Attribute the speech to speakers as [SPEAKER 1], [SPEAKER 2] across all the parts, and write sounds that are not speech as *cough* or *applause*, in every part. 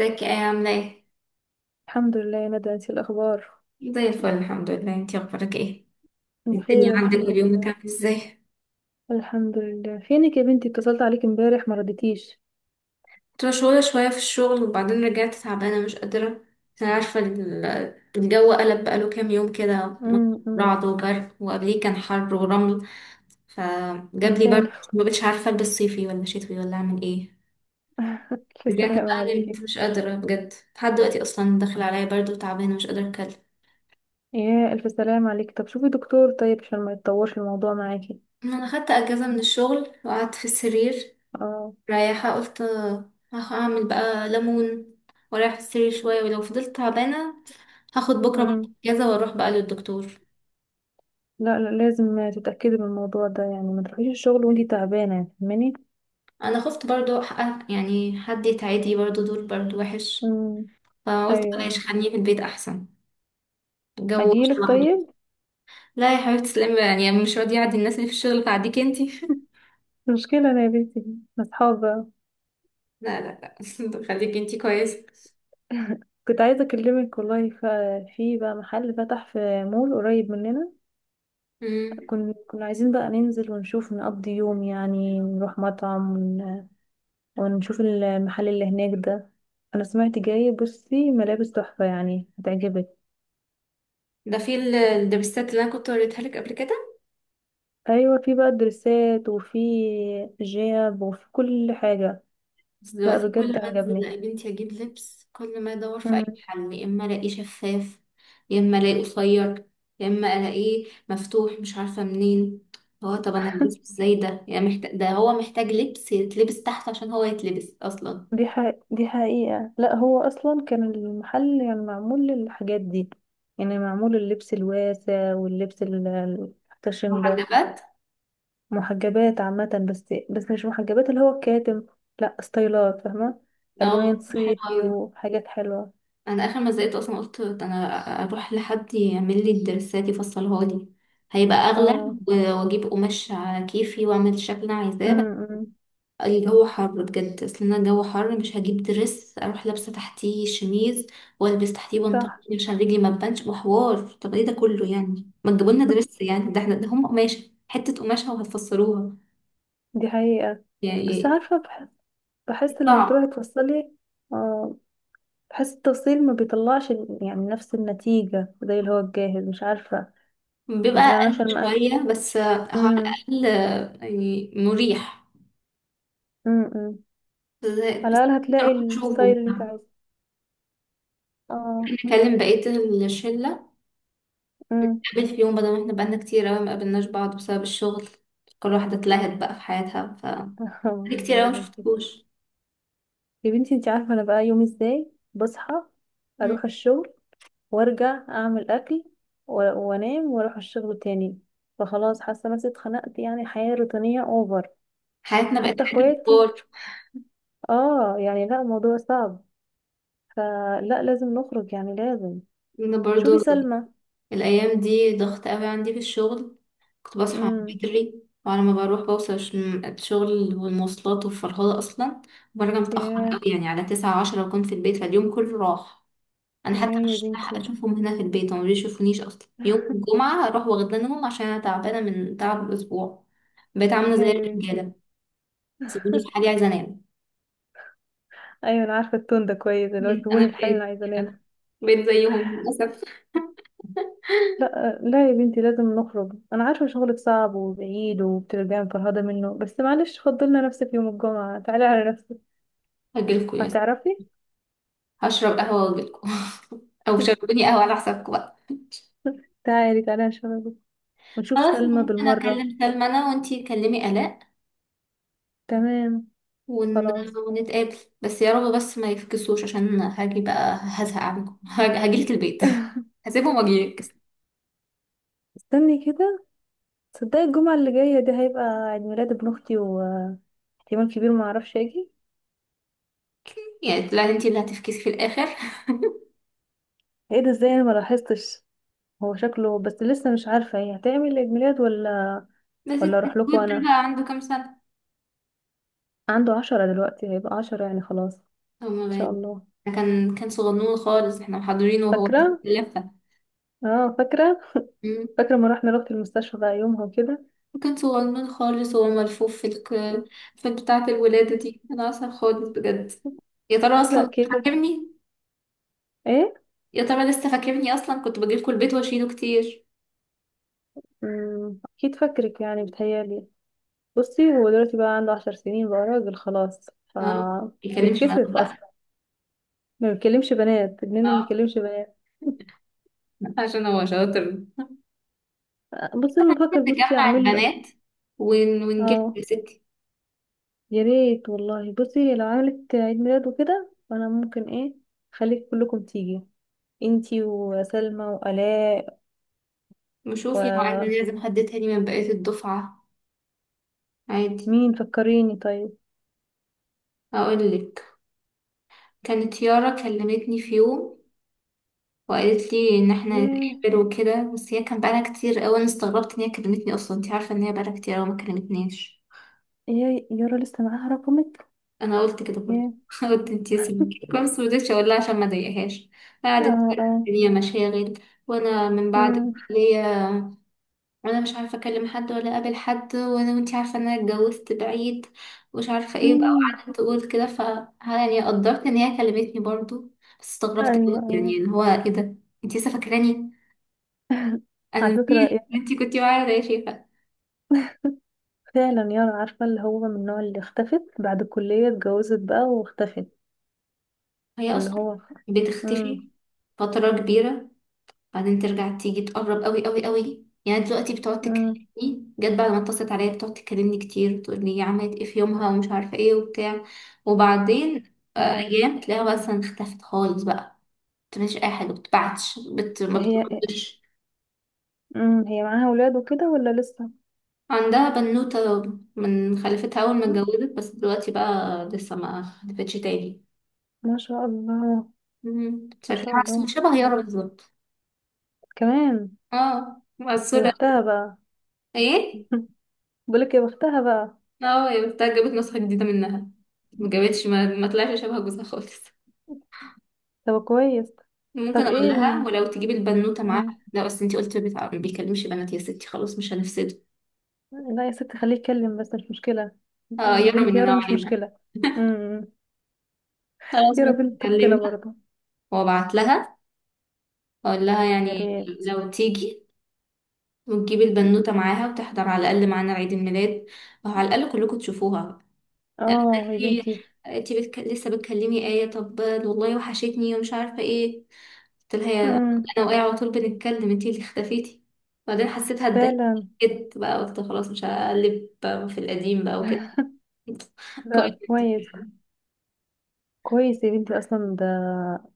[SPEAKER 1] ازيك؟ ايه عاملة ايه؟
[SPEAKER 2] الحمد لله يا ندى، انتي الاخبار؟
[SPEAKER 1] زي الفل الحمد لله. انتي اخبارك ايه؟ الدنيا
[SPEAKER 2] بخير
[SPEAKER 1] عندك
[SPEAKER 2] الحمد
[SPEAKER 1] واليومك
[SPEAKER 2] لله.
[SPEAKER 1] عامل ازاي؟
[SPEAKER 2] الحمد لله، فينك يا بنتي؟ اتصلت عليك امبارح ما رديتيش.
[SPEAKER 1] كنت مشغولة شوية في الشغل وبعدين رجعت تعبانة مش قادرة. انا عارفة الجو قلب بقاله كام يوم كده،
[SPEAKER 2] أمم.
[SPEAKER 1] رعد وبرد وقبليه كان حر ورمل، فجاب لي
[SPEAKER 2] فعلا.
[SPEAKER 1] برد ما بقتش عارفة البس صيفي ولا شتوي ولا اعمل ايه.
[SPEAKER 2] *laughs* الف
[SPEAKER 1] رجعت
[SPEAKER 2] سلام
[SPEAKER 1] بقى
[SPEAKER 2] عليكي.
[SPEAKER 1] نمت مش قادرة بجد لحد دلوقتي، اصلا داخل عليا برد وتعبانة مش قادرة اتكلم.
[SPEAKER 2] يا الف سلام عليكي، طب شوفي دكتور طيب عشان ما يتطورش الموضوع معاكي.
[SPEAKER 1] انا خدت اجازة من الشغل وقعدت في السرير.
[SPEAKER 2] اه.
[SPEAKER 1] رايحة قلت هعمل بقى ليمون ورايح السرير شوية، ولو فضلت تعبانة هاخد بكرة برضه
[SPEAKER 2] امم.
[SPEAKER 1] اجازة واروح بقى للدكتور.
[SPEAKER 2] لا لا لازم تتاكدي من الموضوع ده، يعني ما تروحيش الشغل وانتي تعبانه، فاهماني؟
[SPEAKER 1] انا خفت برضه يعني حد يتعدي برضه، دول برضه وحش،
[SPEAKER 2] امم.
[SPEAKER 1] فقلت بلاش
[SPEAKER 2] ايوه.
[SPEAKER 1] خليني في البيت احسن. الجو وحش
[SPEAKER 2] اجيلك
[SPEAKER 1] لوحده.
[SPEAKER 2] طيب؟
[SPEAKER 1] لا يا حبيبتي تسلمي بقى، يعني مش راضية اعدي الناس اللي في الشغل فاعديك انتي.
[SPEAKER 2] *laughs*
[SPEAKER 1] *laughs*
[SPEAKER 2] مشكلة أنا يا بنتي. أصحاب بقى.
[SPEAKER 1] لا لا لا. *laughs* خليكي انتي كويسة.
[SPEAKER 2] كنت عايزة أكلمك والله في بقى محل فتح في مول قريب مننا.
[SPEAKER 1] مم.
[SPEAKER 2] كنا عايزين بقى ننزل ونشوف نقضي يوم، يعني نروح مطعم ونشوف المحل اللي هناك ده. انا سمعت جاي، بصي ملابس تحفة يعني هتعجبك.
[SPEAKER 1] ده في الدبستات اللي انا كنت وريتها لك قبل كده.
[SPEAKER 2] ايوه في بقى دريسات وفي جياب وفي كل حاجة.
[SPEAKER 1] بس
[SPEAKER 2] لا
[SPEAKER 1] دلوقتي كل
[SPEAKER 2] بجد
[SPEAKER 1] ما انزل
[SPEAKER 2] عجبني.
[SPEAKER 1] يا بنتي اجيب لبس، كل ما ادور في اي
[SPEAKER 2] مم.
[SPEAKER 1] حل يا اما الاقيه شفاف، يا اما الاقيه قصير، يا اما الاقيه مفتوح مش عارفه منين. هو طب انا هلبسه ازاي ده؟ يعني محتاج، ده هو محتاج لبس يتلبس تحت عشان هو يتلبس اصلا.
[SPEAKER 2] دي ح... دي حقيقة، لا هو اصلا كان المحل يعني معمول للحاجات دي. يعني معمول اللبس الواسع واللبس المحتشم ده.
[SPEAKER 1] محجبات.
[SPEAKER 2] محجبات عامة، بس مش محجبات اللي هو الكاتم. لا ستايلات، فاهمة؟
[SPEAKER 1] اه.
[SPEAKER 2] ألوان
[SPEAKER 1] حلو
[SPEAKER 2] صيفي
[SPEAKER 1] أوي.
[SPEAKER 2] وحاجات حلوة.
[SPEAKER 1] انا اخر ما زهقت اصلا قلت انا اروح لحد يعمل لي الدرسات يفصلها لي، هيبقى اغلى
[SPEAKER 2] اه.
[SPEAKER 1] واجيب قماش على كيفي واعمل الشكل اللي انا عايزاه.
[SPEAKER 2] امم.
[SPEAKER 1] الجو حر بجد، اصل انا الجو حر مش هجيب درس اروح لابسه تحتيه شميز والبس تحتيه بنطلون
[SPEAKER 2] صح.
[SPEAKER 1] عشان رجلي ما تبانش، وحوار طب ايه ده كله، يعني ما تجيبوا لنا درس، يعني ده احنا ده هم قماشه، حته قماشه وهتفسروها.
[SPEAKER 2] *laughs* دي حقيقة. بس
[SPEAKER 1] يعني
[SPEAKER 2] عارفة بحس لما
[SPEAKER 1] صعب.
[SPEAKER 2] تروحي توصلي. اه. بحس التوصيل ما بيطلعش يعني نفس النتيجة زي اللي هو الجاهز، مش عارفة.
[SPEAKER 1] بيبقى
[SPEAKER 2] يمكن انا
[SPEAKER 1] اقل
[SPEAKER 2] عشان ما أب-
[SPEAKER 1] شويه بس هو على
[SPEAKER 2] امم.
[SPEAKER 1] الاقل يعني مريح.
[SPEAKER 2] امم. على
[SPEAKER 1] بس
[SPEAKER 2] الأقل
[SPEAKER 1] نروح
[SPEAKER 2] هتلاقي
[SPEAKER 1] نشوفه
[SPEAKER 2] الستايل اللي انت
[SPEAKER 1] ممكن،
[SPEAKER 2] عايزه. اه.
[SPEAKER 1] نكلم بقيه الشله،
[SPEAKER 2] امم.
[SPEAKER 1] نقابل في يوم بدل ما احنا بقالنا كتير اوي ما قابلناش بعض بسبب الشغل، كل واحدة اتلهت بقى في حياتها. بقالي كتير أوي
[SPEAKER 2] *laughs*
[SPEAKER 1] مشفتكوش.
[SPEAKER 2] يا بنتي انت عارفة انا بقى يومي ازاي، بصحى
[SPEAKER 1] مم.
[SPEAKER 2] اروح الشغل وارجع اعمل اكل و- وانام واروح الشغل تاني. فخلاص حاسة نفسي اتخنقت، يعني حياة روتينية اوفر.
[SPEAKER 1] حياتنا بقت
[SPEAKER 2] حتى
[SPEAKER 1] حياة
[SPEAKER 2] اخواتي.
[SPEAKER 1] كبار.
[SPEAKER 2] اه يعني لا، الموضوع صعب. فلا لازم نخرج، يعني لازم.
[SPEAKER 1] أنا
[SPEAKER 2] شوفي
[SPEAKER 1] برضو
[SPEAKER 2] سلمى.
[SPEAKER 1] الأيام دي ضغط أوي عندي في الشغل، كنت بصحى
[SPEAKER 2] امم.
[SPEAKER 1] بدري وعلى ما بروح بوصل الشغل والمواصلات والفرهدة أصلا، وبرجع متأخر
[SPEAKER 2] ياه.
[SPEAKER 1] أوي، يعني على 9:30 بكون في البيت، فاليوم كله راح. أنا حتى
[SPEAKER 2] ياه يا
[SPEAKER 1] مش لاحقة
[SPEAKER 2] بنتي.
[SPEAKER 1] أشوفهم هنا في البيت، هما مبيشوفونيش أصلا، يوم
[SPEAKER 2] *laughs*
[SPEAKER 1] الجمعة أروح واخدانهم عشان أنا تعبانة من تعب الأسبوع. بقيت عاملة
[SPEAKER 2] ياه
[SPEAKER 1] زي
[SPEAKER 2] يا بنتي.
[SPEAKER 1] الرجالة، سيبوني في حالي عايزة أنام.
[SPEAKER 2] ايوه انا عارفة التون ده كويس، اللي هو
[SPEAKER 1] مم. أنا
[SPEAKER 2] سيبوني في حالي انا
[SPEAKER 1] بقيت
[SPEAKER 2] عايزة انام.
[SPEAKER 1] كده، بقيت زيهم للأسف.
[SPEAKER 2] لا لا يا بنتي، لازم نخرج. انا عارفه شغلك صعب وبعيد وبترجعي مفرهده منه، بس معلش فضلنا نفسك. يوم الجمعه تعالي على نفسك.
[SPEAKER 1] هجيلكوا،
[SPEAKER 2] هتعرفي.
[SPEAKER 1] هشرب قهوة واجيلكوا. *laughs* او
[SPEAKER 2] *laughs*
[SPEAKER 1] شربوني قهوة على حسابكم بقى.
[SPEAKER 2] تعالي تعالي نشربك ونشوف
[SPEAKER 1] خلاص
[SPEAKER 2] سلمى
[SPEAKER 1] ممكن
[SPEAKER 2] بالمره.
[SPEAKER 1] اكلم سلمى انا وانتي كلمي آلاء،
[SPEAKER 2] تمام.
[SPEAKER 1] ون...
[SPEAKER 2] خلاص.
[SPEAKER 1] ونتقابل، بس يا رب بس ما يفكسوش عشان هاجي بقى هزهق عنكم. *laughs* هاجيلك البيت.
[SPEAKER 2] *laughs*
[SPEAKER 1] *laughs* هسيبهم واجيلك.
[SPEAKER 2] است- استني كده. تصدقي الجمعه اللي جايه دي هيبقى عيد ميلاد ابن اختي، واحتمال كبير ما اعرفش اجي.
[SPEAKER 1] يعني لا انتي اللي هتفكسي في الاخر. *laughs*
[SPEAKER 2] ايه ده؟ ازاي انا ما لاحظتش؟ هو شكله، بس لسه مش عارفه هي هتعمل عيد ميلاد ولا.
[SPEAKER 1] بس
[SPEAKER 2] ولا اروح لكم
[SPEAKER 1] الكتكوت ده
[SPEAKER 2] انا.
[SPEAKER 1] بقى عنده كام سنة؟
[SPEAKER 2] عنده 10 دلوقتي، هيبقى 10 يعني خلاص. ان
[SPEAKER 1] هو ما
[SPEAKER 2] شاء
[SPEAKER 1] بين-
[SPEAKER 2] الله.
[SPEAKER 1] ده كان صغنون خالص احنا محضرينه وهو
[SPEAKER 2] فاكرة.
[SPEAKER 1] لفة،
[SPEAKER 2] اه فاكرة. فاكرة، ما رحنا رحت المستشفى بقى يومها وكده.
[SPEAKER 1] وكان صغنن خالص وهو ملفوف في في بتاعة الولادة دي. أنا أصلا خالص بجد، يا ترى
[SPEAKER 2] لا
[SPEAKER 1] أصلا
[SPEAKER 2] كبر.
[SPEAKER 1] فاكرني،
[SPEAKER 2] ايه.
[SPEAKER 1] يا ترى لسه فاكرني؟ أصلا كنت بجيلكوا البيت وأشيله كتير.
[SPEAKER 2] مم، اكيد فاكرك يعني بتهيالي. بصي هو دلوقتي بقى عنده 10 سنين، بقى راجل خلاص ف
[SPEAKER 1] اه ما بيتكلمش معانا
[SPEAKER 2] بيتكسف
[SPEAKER 1] بقى.
[SPEAKER 2] اصلا. ما بيكلمش بنات ابننا، ما
[SPEAKER 1] اه
[SPEAKER 2] بيكلمش بنات.
[SPEAKER 1] عشان هو شاطر.
[SPEAKER 2] بصي
[SPEAKER 1] احنا
[SPEAKER 2] انا بفكر،
[SPEAKER 1] ممكن
[SPEAKER 2] بصي
[SPEAKER 1] نجمع
[SPEAKER 2] اعمل له.
[SPEAKER 1] البنات ونجيب
[SPEAKER 2] اه.
[SPEAKER 1] يا ستي.
[SPEAKER 2] يا ريت والله. بصي لو عملت عيد ميلاد وكده فانا ممكن ايه، خليك كلكم تيجي، انتي وسلمى وآلاء.
[SPEAKER 1] نشوف يا معلم،
[SPEAKER 2] ومين؟
[SPEAKER 1] لازم حد تاني من بقية الدفعة. عادي.
[SPEAKER 2] فكريني طيب.
[SPEAKER 1] أقولك، كانت يارا كلمتني في يوم وقالت لي ان احنا
[SPEAKER 2] ياه.
[SPEAKER 1] نتقابل وكده، بس هي كان بقالها كتير قوي. انا استغربت ان هي كلمتني اصلا، انت عارفه ان هي بقالها كتير قوي ما كلمتنيش.
[SPEAKER 2] يا يارا لسه معاها رقمك؟
[SPEAKER 1] انا قلت كده برضه.
[SPEAKER 2] يا
[SPEAKER 1] *laughs* قلت انت سمكي بس مرضتش اقول لها عشان ما اضايقهاش.
[SPEAKER 2] اه،
[SPEAKER 1] قعدت تقول لي
[SPEAKER 2] اه.
[SPEAKER 1] الدنيا مشاغل، وانا من بعد
[SPEAKER 2] مم.
[SPEAKER 1] الكليه وانا مش عارفه اكلم حد ولا اقابل حد، وانا وانت عارفه ان انا اتجوزت بعيد ومش عارفه ايه بقى،
[SPEAKER 2] مم.
[SPEAKER 1] وقعدت تقول كده ف، يعني قدرت ان هي كلمتني برضه بس استغربت قوي،
[SPEAKER 2] ايوه، ايوه.
[SPEAKER 1] يعني ان هو ايه ده، انت لسه فاكراني؟ انا
[SPEAKER 2] على فكرة
[SPEAKER 1] نسيت إن انتي كنتي معايا يا شيخة.
[SPEAKER 2] فعلا يارا، عارفة اللي هو من النوع اللي اختفت بعد الكلية، اتجوزت بقى واختفت.
[SPEAKER 1] هي
[SPEAKER 2] اللي
[SPEAKER 1] اصلا
[SPEAKER 2] هو. مم.
[SPEAKER 1] بتختفي فترة كبيرة، بعدين ترجع تيجي تقرب قوي قوي قوي، يعني دلوقتي بتقعد
[SPEAKER 2] مم.
[SPEAKER 1] تكلمني، جت بعد ما اتصلت عليا بتقعد تكلمني كتير، تقول لي عملت ايه في يومها ومش عارفة ايه وبتاع، وبعدين
[SPEAKER 2] اه.
[SPEAKER 1] ايام تلاقيها مثلا اختفت خالص بقى، مش اي حاجة بتبعتش ما
[SPEAKER 2] هي.
[SPEAKER 1] بتردش.
[SPEAKER 2] مم. هي معاها ولاد وكده ولا لسه؟
[SPEAKER 1] عندها بنوتة من خلفتها أول ما
[SPEAKER 2] مم.
[SPEAKER 1] اتجوزت، بس دلوقتي بقى لسه ما خلفتش تاني.
[SPEAKER 2] ما شاء الله.
[SPEAKER 1] مم.
[SPEAKER 2] ما شاء
[SPEAKER 1] شكلها
[SPEAKER 2] الله.
[SPEAKER 1] شبه يارا بالظبط.
[SPEAKER 2] كمان.
[SPEAKER 1] اه
[SPEAKER 2] يا
[SPEAKER 1] مقصورة.
[SPEAKER 2] بختها بقى.
[SPEAKER 1] ايه.
[SPEAKER 2] *laughs* بقولك يا بختها بقى.
[SPEAKER 1] اه هي بتاعت جابت نسخة جديدة منها، ما جابتش ما طلعش شبه جوزها خالص.
[SPEAKER 2] طب كويس.
[SPEAKER 1] ممكن
[SPEAKER 2] طب
[SPEAKER 1] اقول
[SPEAKER 2] ايه
[SPEAKER 1] لها ولو تجيبي البنوتة معاها،
[SPEAKER 2] مم.
[SPEAKER 1] لا بس انتي قلتي ما بيكلمش بنات، يا ستي خلاص مش هنفسده.
[SPEAKER 2] لا يا ست، خليه يتكلم، بس مش مشكلة.
[SPEAKER 1] اه يرى
[SPEAKER 2] بنت يارا
[SPEAKER 1] مننا
[SPEAKER 2] مش
[SPEAKER 1] وعلينا.
[SPEAKER 2] مشكلة. امم.
[SPEAKER 1] خلاص
[SPEAKER 2] يارا
[SPEAKER 1] ممكن
[SPEAKER 2] بنت اختنا
[SPEAKER 1] اكلمها
[SPEAKER 2] برضه.
[SPEAKER 1] وابعت لها، اقول لها
[SPEAKER 2] يا
[SPEAKER 1] يعني
[SPEAKER 2] ريت.
[SPEAKER 1] لو تيجي وتجيبي البنوتة معاها وتحضر على الاقل معانا عيد الميلاد، وعلى الاقل كلكم تشوفوها.
[SPEAKER 2] اه يا
[SPEAKER 1] انتي،
[SPEAKER 2] بنتي.
[SPEAKER 1] انتي لسه بتكلمي آية؟ طب والله وحشتني ومش عارفة ايه، قلت لها يا،
[SPEAKER 2] امم.
[SPEAKER 1] انا واقعه على طول بنتكلم انتي اللي اختفيتي، بعدين حسيتها اتضايقت،
[SPEAKER 2] فعلا.
[SPEAKER 1] جيت بقى قلت خلاص مش هقلب في القديم بقى وكده.
[SPEAKER 2] *laughs*
[SPEAKER 1] *laughs*
[SPEAKER 2] لا كويس.
[SPEAKER 1] كويس.
[SPEAKER 2] كويس يا بنتي، اصلا ده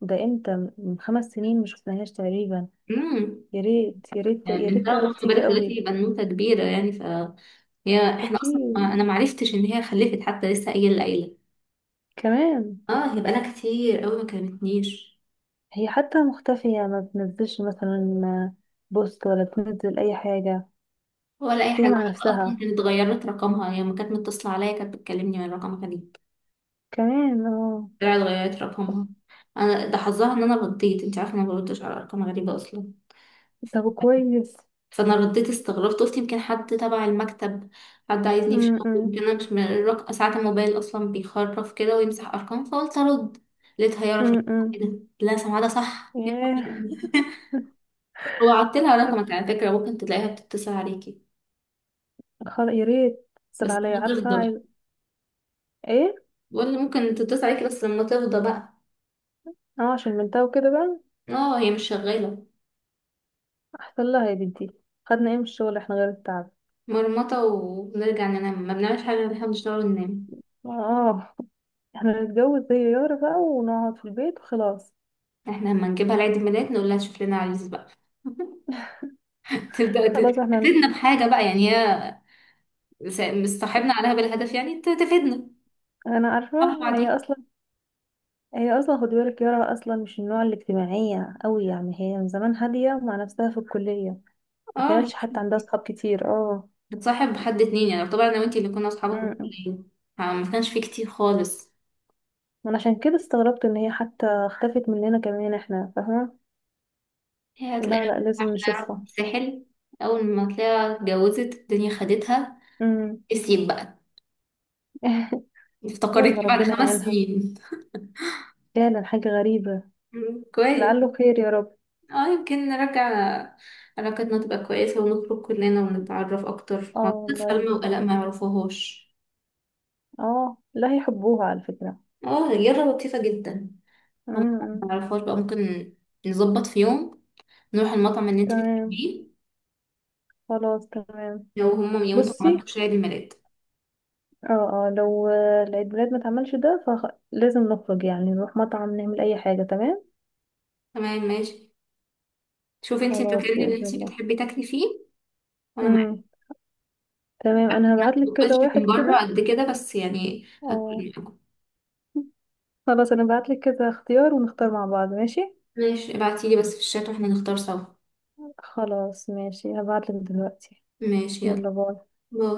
[SPEAKER 2] ده امتى، من 5 سنين مش شفناهاش تقريبا.
[SPEAKER 1] امم،
[SPEAKER 2] يا ريت يا ريت
[SPEAKER 1] يعني
[SPEAKER 2] يا
[SPEAKER 1] من
[SPEAKER 2] ريت
[SPEAKER 1] بقى، ما
[SPEAKER 2] تعرف تيجي
[SPEAKER 1] بالك دلوقتي
[SPEAKER 2] قوي.
[SPEAKER 1] بنوته كبيره يعني فهي، احنا اصلا
[SPEAKER 2] اكيد.
[SPEAKER 1] ما انا ما عرفتش ان هي خلفت حتى لسه قايله العيله.
[SPEAKER 2] كمان.
[SPEAKER 1] اه هي بقالها كتير قوي ما كلمتنيش،
[SPEAKER 2] هي حتى مختفية، ما بتنزلش مثلا بوست، ولا بتنزل اي حاجة.
[SPEAKER 1] ولا اي
[SPEAKER 2] تحكي
[SPEAKER 1] حاجه
[SPEAKER 2] مع
[SPEAKER 1] حتى، اصلا
[SPEAKER 2] نفسها.
[SPEAKER 1] كانت اتغيرت رقمها هي يعني، ما كانت متصله عليا، كانت بتكلمني من رقمها كان،
[SPEAKER 2] كمان اه.
[SPEAKER 1] طلعت غيرت رقمها. انا ده حظها ان انا رديت، انت عارفه انا ما بردش على ارقام غريبه اصلا،
[SPEAKER 2] طب كويس.
[SPEAKER 1] فانا رديت استغربت قلت يمكن حد تبع المكتب، حد عايزني في شغل،
[SPEAKER 2] امم.
[SPEAKER 1] يمكن انا مش من ساعات الموبايل اصلا بيخرف كده ويمسح ارقام فقلت ارد، لقيتها يارا في البتاع
[SPEAKER 2] امم.
[SPEAKER 1] كده، لا سمعها ده صح يلا
[SPEAKER 2] ياه.
[SPEAKER 1] بينا. وعدت لها رقمك
[SPEAKER 2] *laughs*
[SPEAKER 1] على فكره، ممكن تلاقيها بتتصل عليكي
[SPEAKER 2] خلاص يا ريت. اتصل
[SPEAKER 1] بس
[SPEAKER 2] عليا
[SPEAKER 1] لما تفضى
[SPEAKER 2] عارفة
[SPEAKER 1] بقى.
[SPEAKER 2] عايز ايه.
[SPEAKER 1] بقول لي ممكن تتصل عليكي بس لما تفضى بقى.
[SPEAKER 2] اه، عشان بنتها وكده بقى.
[SPEAKER 1] اه هي مش شغاله.
[SPEAKER 2] احسن لها يا بنتي. خدنا ايه من الشغل احنا غير التعب؟
[SPEAKER 1] مرمطه وبنرجع ننام، ما بنعملش حاجه غير إن احنا بنشتغل وننام.
[SPEAKER 2] اه. *laughs* احنا نتجوز زي يارا بقى ونقعد في البيت وخلاص.
[SPEAKER 1] احنا لما نجيبها لعيد الميلاد نقول لها شوف لنا عريس بقى. *laughs* تبدأ
[SPEAKER 2] خلاص احنا.
[SPEAKER 1] تفيدنا بحاجة بقى يعني هي، مصاحبنا عليها بالهدف يعني تفيدنا.
[SPEAKER 2] انا عارفة
[SPEAKER 1] صح بعدين.
[SPEAKER 2] هي اصلا. هي اصلا خدي بالك، يارا اصلا مش النوع الاجتماعية قوي، يعني هي من زمان هادية مع نفسها في الكلية. ما
[SPEAKER 1] اه
[SPEAKER 2] كانتش حتى عندها صحاب كتير، اه.
[SPEAKER 1] بتصاحب حد اتنين، يعني طبعا انا وانتي اللي كنا اصحابك في الكلية فما كانش في كتير خالص.
[SPEAKER 2] انا عشان كده استغربت ان هي حتى اختفت مننا كمان، احنا فاهمة.
[SPEAKER 1] هي
[SPEAKER 2] لا
[SPEAKER 1] هتلاقيها
[SPEAKER 2] لا لازم
[SPEAKER 1] راحت
[SPEAKER 2] نشوفها.
[SPEAKER 1] الساحل، اول ما تلاقيها اتجوزت الدنيا خدتها
[SPEAKER 2] امم.
[SPEAKER 1] نسيت بقى.
[SPEAKER 2] *laughs* يلا
[SPEAKER 1] افتكرتني بعد
[SPEAKER 2] ربنا
[SPEAKER 1] خمس
[SPEAKER 2] يعينها.
[SPEAKER 1] سنين
[SPEAKER 2] فعلا حاجة غريبة.
[SPEAKER 1] *laughs* مم، كويس.
[SPEAKER 2] لعله خير يا رب.
[SPEAKER 1] اه يمكن نرجع علاقتنا تبقى كويسة ونخرج كلنا ونتعرف أكتر،
[SPEAKER 2] اه
[SPEAKER 1] ما أعتقد
[SPEAKER 2] والله يا
[SPEAKER 1] سلمى وآلاء
[SPEAKER 2] بنتي.
[SPEAKER 1] ما يعرفوهاش.
[SPEAKER 2] اه لا، هيحبوها على فكرة.
[SPEAKER 1] اه رياضة لطيفة جدا. هم
[SPEAKER 2] امم.
[SPEAKER 1] ما يعرفوهاش بقى ممكن، نظبط في يوم نروح المطعم اللي انت
[SPEAKER 2] تمام.
[SPEAKER 1] بتحبيه،
[SPEAKER 2] خلاص تمام.
[SPEAKER 1] لو هم لو انتوا ما
[SPEAKER 2] بصي،
[SPEAKER 1] عملتوش عيد الميلاد.
[SPEAKER 2] اه اه لو العيد ميلاد ما اتعملش ده، فلازم نخرج يعني نروح مطعم نعمل اي حاجة، تمام.
[SPEAKER 1] تمام ماشي، شوفي انت المكان
[SPEAKER 2] خلاص
[SPEAKER 1] اللي
[SPEAKER 2] بإذن
[SPEAKER 1] انت
[SPEAKER 2] الله.
[SPEAKER 1] بتحبي تاكلي فيه وانا معاكي.
[SPEAKER 2] امم. تمام،
[SPEAKER 1] أعرف إن
[SPEAKER 2] انا
[SPEAKER 1] أنا
[SPEAKER 2] هبعتلك
[SPEAKER 1] ما
[SPEAKER 2] كده
[SPEAKER 1] باكلش من
[SPEAKER 2] واحد
[SPEAKER 1] بره
[SPEAKER 2] كده.
[SPEAKER 1] قد كده بس يعني
[SPEAKER 2] اه.
[SPEAKER 1] هاكل معاكم.
[SPEAKER 2] خلاص، انا بعتلك كذا اختيار ونختار مع بعض، ماشي.
[SPEAKER 1] ماشي ابعتيلي بس في الشات واحنا نختار سوا.
[SPEAKER 2] خلاص ماشي، هبعتلك دلوقتي.
[SPEAKER 1] ماشي يلا
[SPEAKER 2] يلا باي.
[SPEAKER 1] باي.